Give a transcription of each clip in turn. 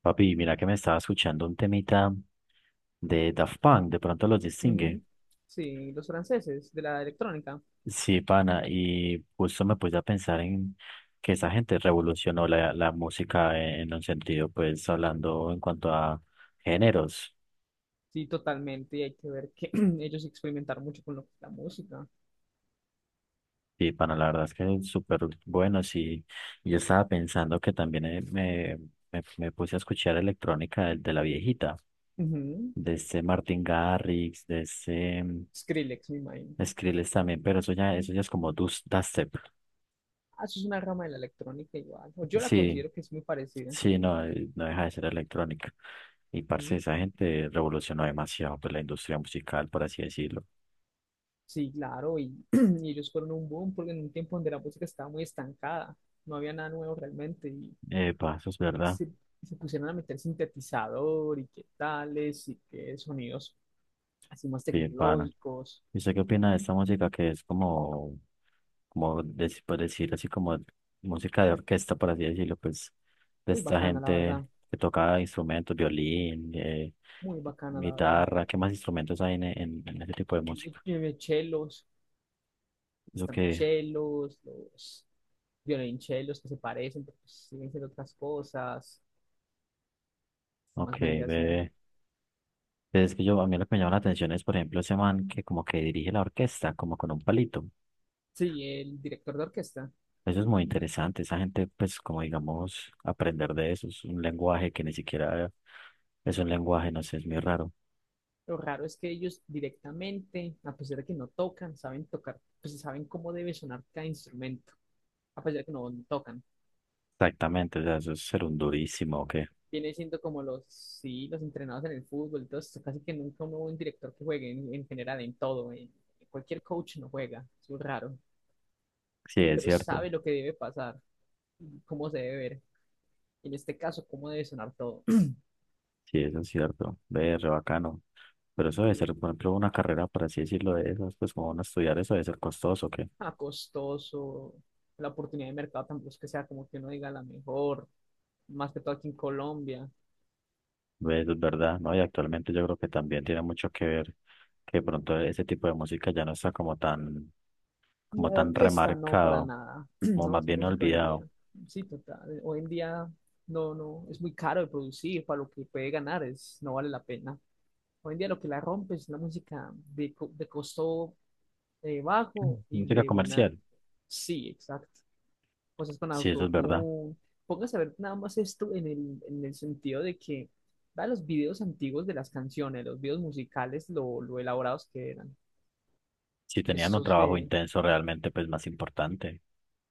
Papi, mira que me estaba escuchando un temita de Daft Punk, de pronto los distingue. Ujú. Sí, los franceses de la electrónica. Sí, pana, y justo me puse a pensar en que esa gente revolucionó la música en un sentido, pues hablando en cuanto a géneros. Sí, totalmente. Y hay que ver que ellos experimentaron mucho con lo que es la música. Sí, pana, la verdad es que es súper bueno, sí. Yo estaba pensando que también me puse a escuchar electrónica de la viejita, Ujú. de este Martin Garrix, de este Skrillex, me imagino. Skrillex también, pero eso ya es como dubstep. Ah, eso es una rama de la electrónica igual. O yo la Sí, considero que es muy parecida. sí, no, no deja de ser electrónica. Y parce, Ujú. esa gente revolucionó demasiado pues, la industria musical, por así decirlo. Sí, claro. Y, ellos fueron un boom porque en un tiempo donde la música estaba muy estancada. No había nada nuevo realmente. Y Epa, eso es verdad. se, se pusieron a meter sintetizador y qué tales y qué sonidos así más Bien, pana. tecnológicos. ¿Y usted qué opina de esta música que es como, por decir así, como música de orquesta, por así decirlo, pues, de Muy esta bacana, la verdad. gente que toca instrumentos, violín, Muy bacana, la verdad. guitarra? ¿Qué más instrumentos hay en ese tipo de Y música? tiene chelos, Eso están que, chelos, los violonchelos que se parecen, pero pues siguen siendo otras cosas. ¿Qué ok, más vendría siendo? ve. Pero es que yo, a mí lo que me llama la atención es, por ejemplo, ese man que como que dirige la orquesta, como con un palito. Sí, el director de orquesta. Eso es muy interesante. Esa gente, pues, como digamos, aprender de eso es un lenguaje que ni siquiera es un lenguaje, no sé, es muy raro. Lo raro es que ellos directamente, a pesar de que no tocan, saben tocar, pues saben cómo debe sonar cada instrumento, a pesar de que no tocan. Exactamente, o sea, eso es ser un durísimo, ¿o qué? Viene siendo como los, sí, los entrenados en el fútbol, entonces casi que nunca hubo un director que juegue en general, en todo, cualquier coach no juega, es muy raro. Sí, es Pero cierto. sabe lo que debe pasar, y cómo se debe ver, en este caso, cómo debe sonar todo. Sí, eso es cierto. Ve, re bacano. Pero eso debe Yo, ser, por ejemplo, una carrera, por así decirlo, de esas, pues, como uno estudiar eso debe ser costoso, ¿qué? Costoso, la oportunidad de mercado tampoco es que sea como que uno diga la mejor, más que todo aquí en Colombia. Ve, eso es verdad, ¿no? Y actualmente yo creo que también tiene mucho que ver que de pronto ese tipo de música ya no está La como tan orquesta no, para remarcado, nada. como No, más esa bien música hoy en olvidado. día, sí, total, hoy en día no, no, es muy caro de producir, para lo que puede ganar es, no vale la pena. Hoy en día lo que la rompe es la música de costo Mm. bajo y Música de buena, comercial, sí, exacto. Cosas con sí, eso es verdad. autotune. Póngase a ver nada más esto en el sentido de que, vea los videos antiguos de las canciones, los videos musicales, lo elaborados que eran. Si tenían un Estos trabajo de, intenso realmente, pues más importante.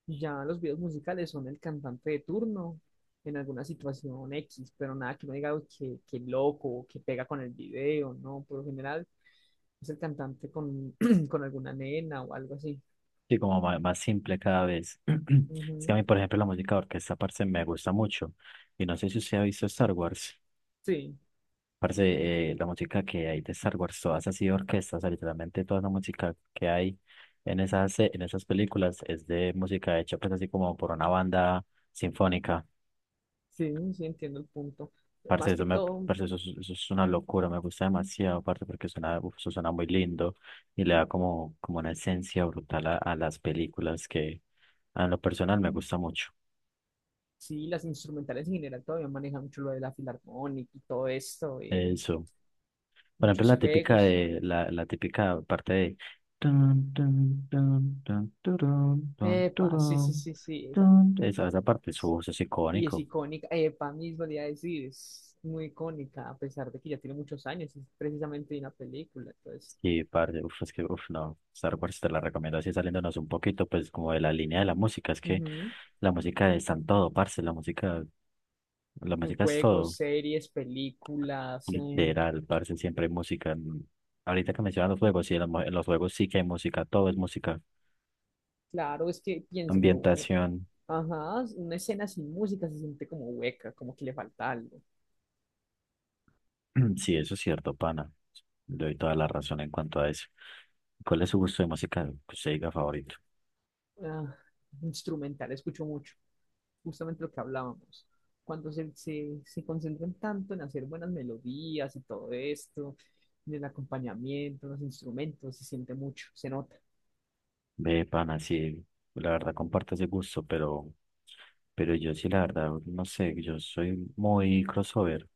ya los videos musicales son el cantante de turno en alguna situación X, pero nada que no diga "Uy, que loco, o que pega con el video, ¿no?". Por lo general es el cantante con alguna nena o algo así. Sí, como más, simple cada vez. Es que a Ujú. mí, por ejemplo, la música de orquesta, parce, me gusta mucho. Y no sé si usted ha visto Star Wars. Sí, Parce, la música que hay de Star Wars, todas así de orquestas, o sea, literalmente toda la música que hay en esas películas es de música hecha, pues así como por una banda sinfónica. sí, sí, entiendo el punto. Parce, Más que eso, me, todo, parce, eso es una locura, me gusta demasiado, parce, porque suena, uf, eso suena muy lindo y le da como, como una esencia brutal a las películas que a lo personal me gusta mucho. sí, las instrumentales en general todavía manejan mucho lo de la filarmónica y todo esto, Eso. Por ejemplo, muchos la típica juegos. de, la típica parte de tun, tun, tun, tun, turun, tun, Epa, sí, sí, turun, sí, sí, esa. tun. Esa parte, su voz es Y es icónico. icónica, epa, mismo le iba a decir, es muy icónica, a pesar de que ya tiene muchos años, es precisamente una película, entonces, Sí, parce, uf, es que, uf, no, Star Wars te la recomiendo así saliéndonos un poquito, pues, como de la línea de la música, es que ujú. la música está en todo, parce, la En música es todo, juegos, series, películas, literal, parce, siempre hay música. Mm. Ahorita que mencionas los juegos, sí, en los, en los juegos sí que hay música, todo es música, claro, es que piénselo, ambientación. ajá, una escena sin música se siente como hueca, como que le falta algo. Sí, eso es cierto, pana, le doy toda la razón en cuanto a eso. ¿Cuál es su gusto de música que usted diga favorito? Ah, instrumental, escucho mucho, justamente lo que hablábamos. Cuando se concentran tanto en hacer buenas melodías y todo esto, en el acompañamiento, los instrumentos, se siente mucho, se nota. Ve, pana, sí, la verdad comparto ese gusto, pero yo sí, la verdad, no sé, yo soy muy crossover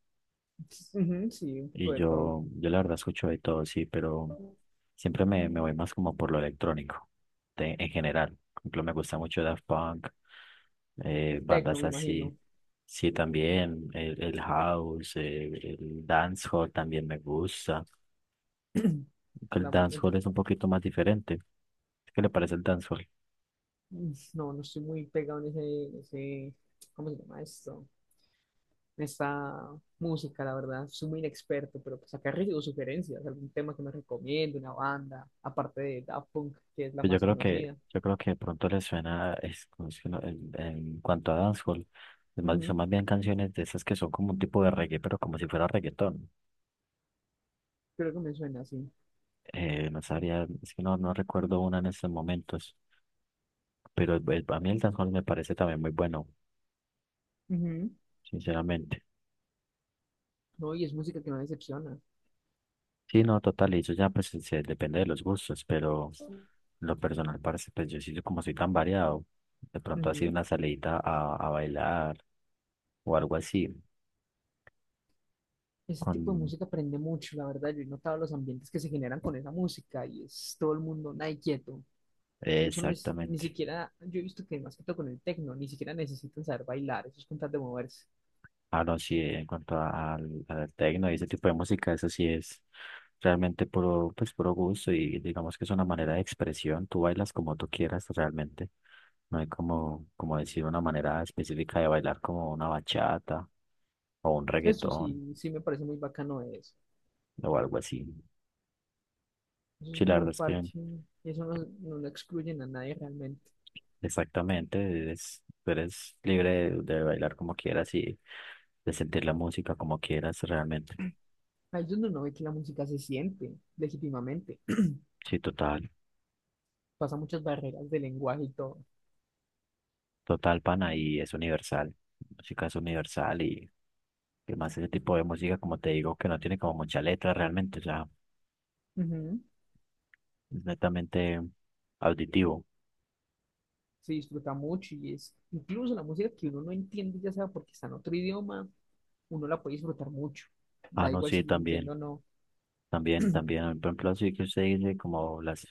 Ujú. Sí, un poco y de todo. yo la verdad escucho de todo, sí, pero siempre me, me voy más como por lo electrónico, de- en general. Por ejemplo, me gusta mucho Daft Punk, El tecno, bandas me así, imagino. sí, también, el house, el dancehall también me gusta. Aunque La- el el- dancehall es un poquito más diferente. ¿Qué le parece el dancehall? no, no estoy muy pegado en ese, ¿cómo se llama esto? Esta música, la verdad. Soy muy inexperto, pero pues acá recibo sugerencias, algún tema que me recomiende, una banda, aparte de Daft Punk, que es la Pues yo más creo que, conocida. yo creo que de pronto les suena es, como si en cuanto a dancehall, es más, son Ujú, más bien canciones de esas que son como un tipo de reggae, pero como si fuera reggaetón. creo que me suena así. No sabría, es que no, no recuerdo una en estos momentos, pero a mí el dancehall me parece también muy bueno, Ujú. sinceramente. No, y es música que no decepciona. Sí, no, total, y eso ya pues depende de los gustos, pero en lo personal parece, pues yo sí, como soy tan variado, de pronto así Ujú. una salidita a bailar o algo así, Ese tipo de con... música prende mucho, la verdad. Yo he notado los ambientes que se generan con esa música y es todo el mundo nadie quieto. Incluso no ni Exactamente. siquiera, yo he visto que más que todo con el techno, ni siquiera necesitan saber bailar, eso es con tal de moverse. Ah, no, sí, en cuanto al, al tecno y ese tipo de música, eso sí es realmente puro, pues, puro gusto y digamos que es una manera de expresión, tú bailas como tú quieras realmente, no hay como, como decir una manera específica de bailar como una bachata o un Eso reggaetón sí, sí me parece muy bacano de eso. o algo así. Eso Sí, es la muy verdad es que parche. Y eso no, no lo excluyen a nadie realmente. exactamente, eres, tú eres libre de bailar como quieras y de sentir la música como quieras realmente. Ahí es donde uno ve que la música se siente legítimamente. Sí, total. Pasa muchas barreras de lenguaje y todo. Total, pana, y es universal. Música es universal y que más ese tipo de música, como te digo, que no tiene como mucha letra realmente, o sea, Ujú. es netamente auditivo. Se disfruta mucho y es incluso la música que uno no entiende, ya sea porque está en otro idioma, uno la puede disfrutar mucho. Ah, Da no, igual si sí, la entiendo también, o no. también, también. Por ejemplo, así que usted dice como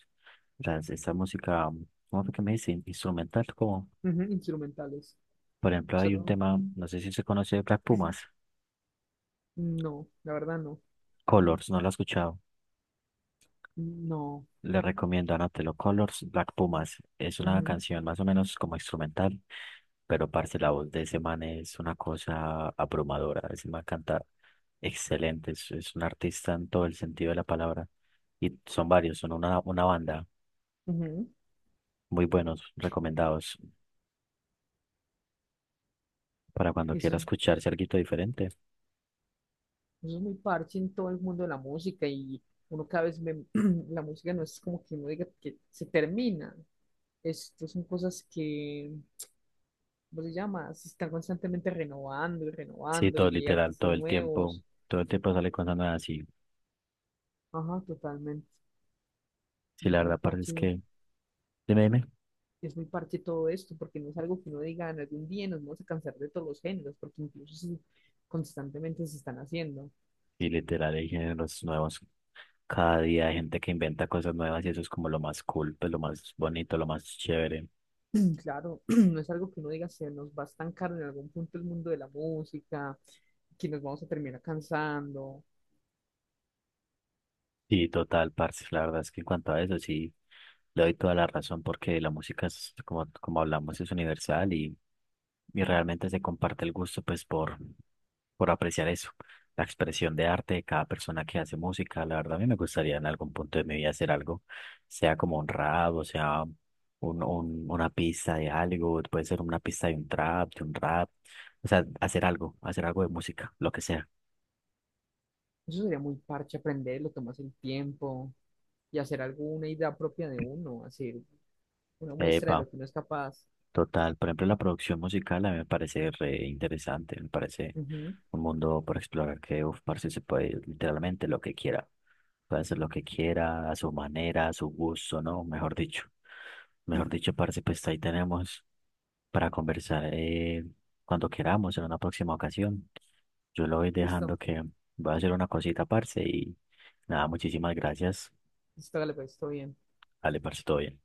las, esta música, ¿cómo fue que me dice? Instrumental, como, Ujú, instrumentales. por ejemplo, hay un Solo tema, no sé si se conoce de Black Pumas, no, la verdad no. Colors, no lo he escuchado. No. Le recomiendo Anotelo Colors, Black Pumas. Es una Ujú, canción más o menos como instrumental, pero parce, la voz de ese man es una cosa abrumadora. Ese man canta excelente, es un artista en todo el sentido de la palabra. Y son varios, son una banda ujú. muy buenos, recomendados para cuando Eso quiera es escucharse algo diferente. Eso es muy parche en todo el mundo de la música y uno cada vez ve, la música no es como que uno diga que se termina. Esto son cosas que, ¿cómo se llama? Se están constantemente renovando y Sí, renovando todo y hay literal, artistas nuevos. todo el tiempo sale cosas nuevas. Y Ajá, totalmente. sí, Y la verdad, parce, es que, dime, dime. es muy parche todo esto porque no es algo que uno diga "Ah, en algún día nos vamos a cansar de todos los géneros porque incluso constantemente se están haciendo". Y literal, hay géneros nuevos. Cada día hay gente que inventa cosas nuevas y eso es como lo más cool, pues lo más bonito, lo más chévere. Claro, no es algo que uno diga, se nos va a estancar en algún punto el mundo de la música, que nos vamos a terminar cansando. Sí, total, parce. La verdad es que en cuanto a eso, sí, le doy toda la razón porque la música es, como, como hablamos, es universal y realmente se comparte el gusto, pues, por apreciar eso, la expresión de arte de cada persona que hace música. La verdad, a mí me gustaría en algún punto de mi vida hacer algo, sea como un rap, o sea, un, una pista de algo, puede ser una pista de un trap, de un rap, o sea, hacer algo de música, lo que sea. Eso sería muy parche aprenderlo, tomarse el tiempo y hacer alguna idea propia de uno, hacer una muestra Epa. de lo que uno es capaz. Total, por ejemplo, la producción musical a mí me parece re interesante, me parece Ujú. un mundo por explorar que, uf, parce, se puede literalmente lo que quiera, puede hacer lo que quiera, a su manera, a su gusto, ¿no? Mejor dicho, parce, pues ahí tenemos para conversar cuando queramos en una próxima ocasión. Yo lo voy dejando Listo, que voy a hacer una cosita, parce, y nada, muchísimas gracias. listo, dale, pues, todo bien. Dale, parce, todo bien.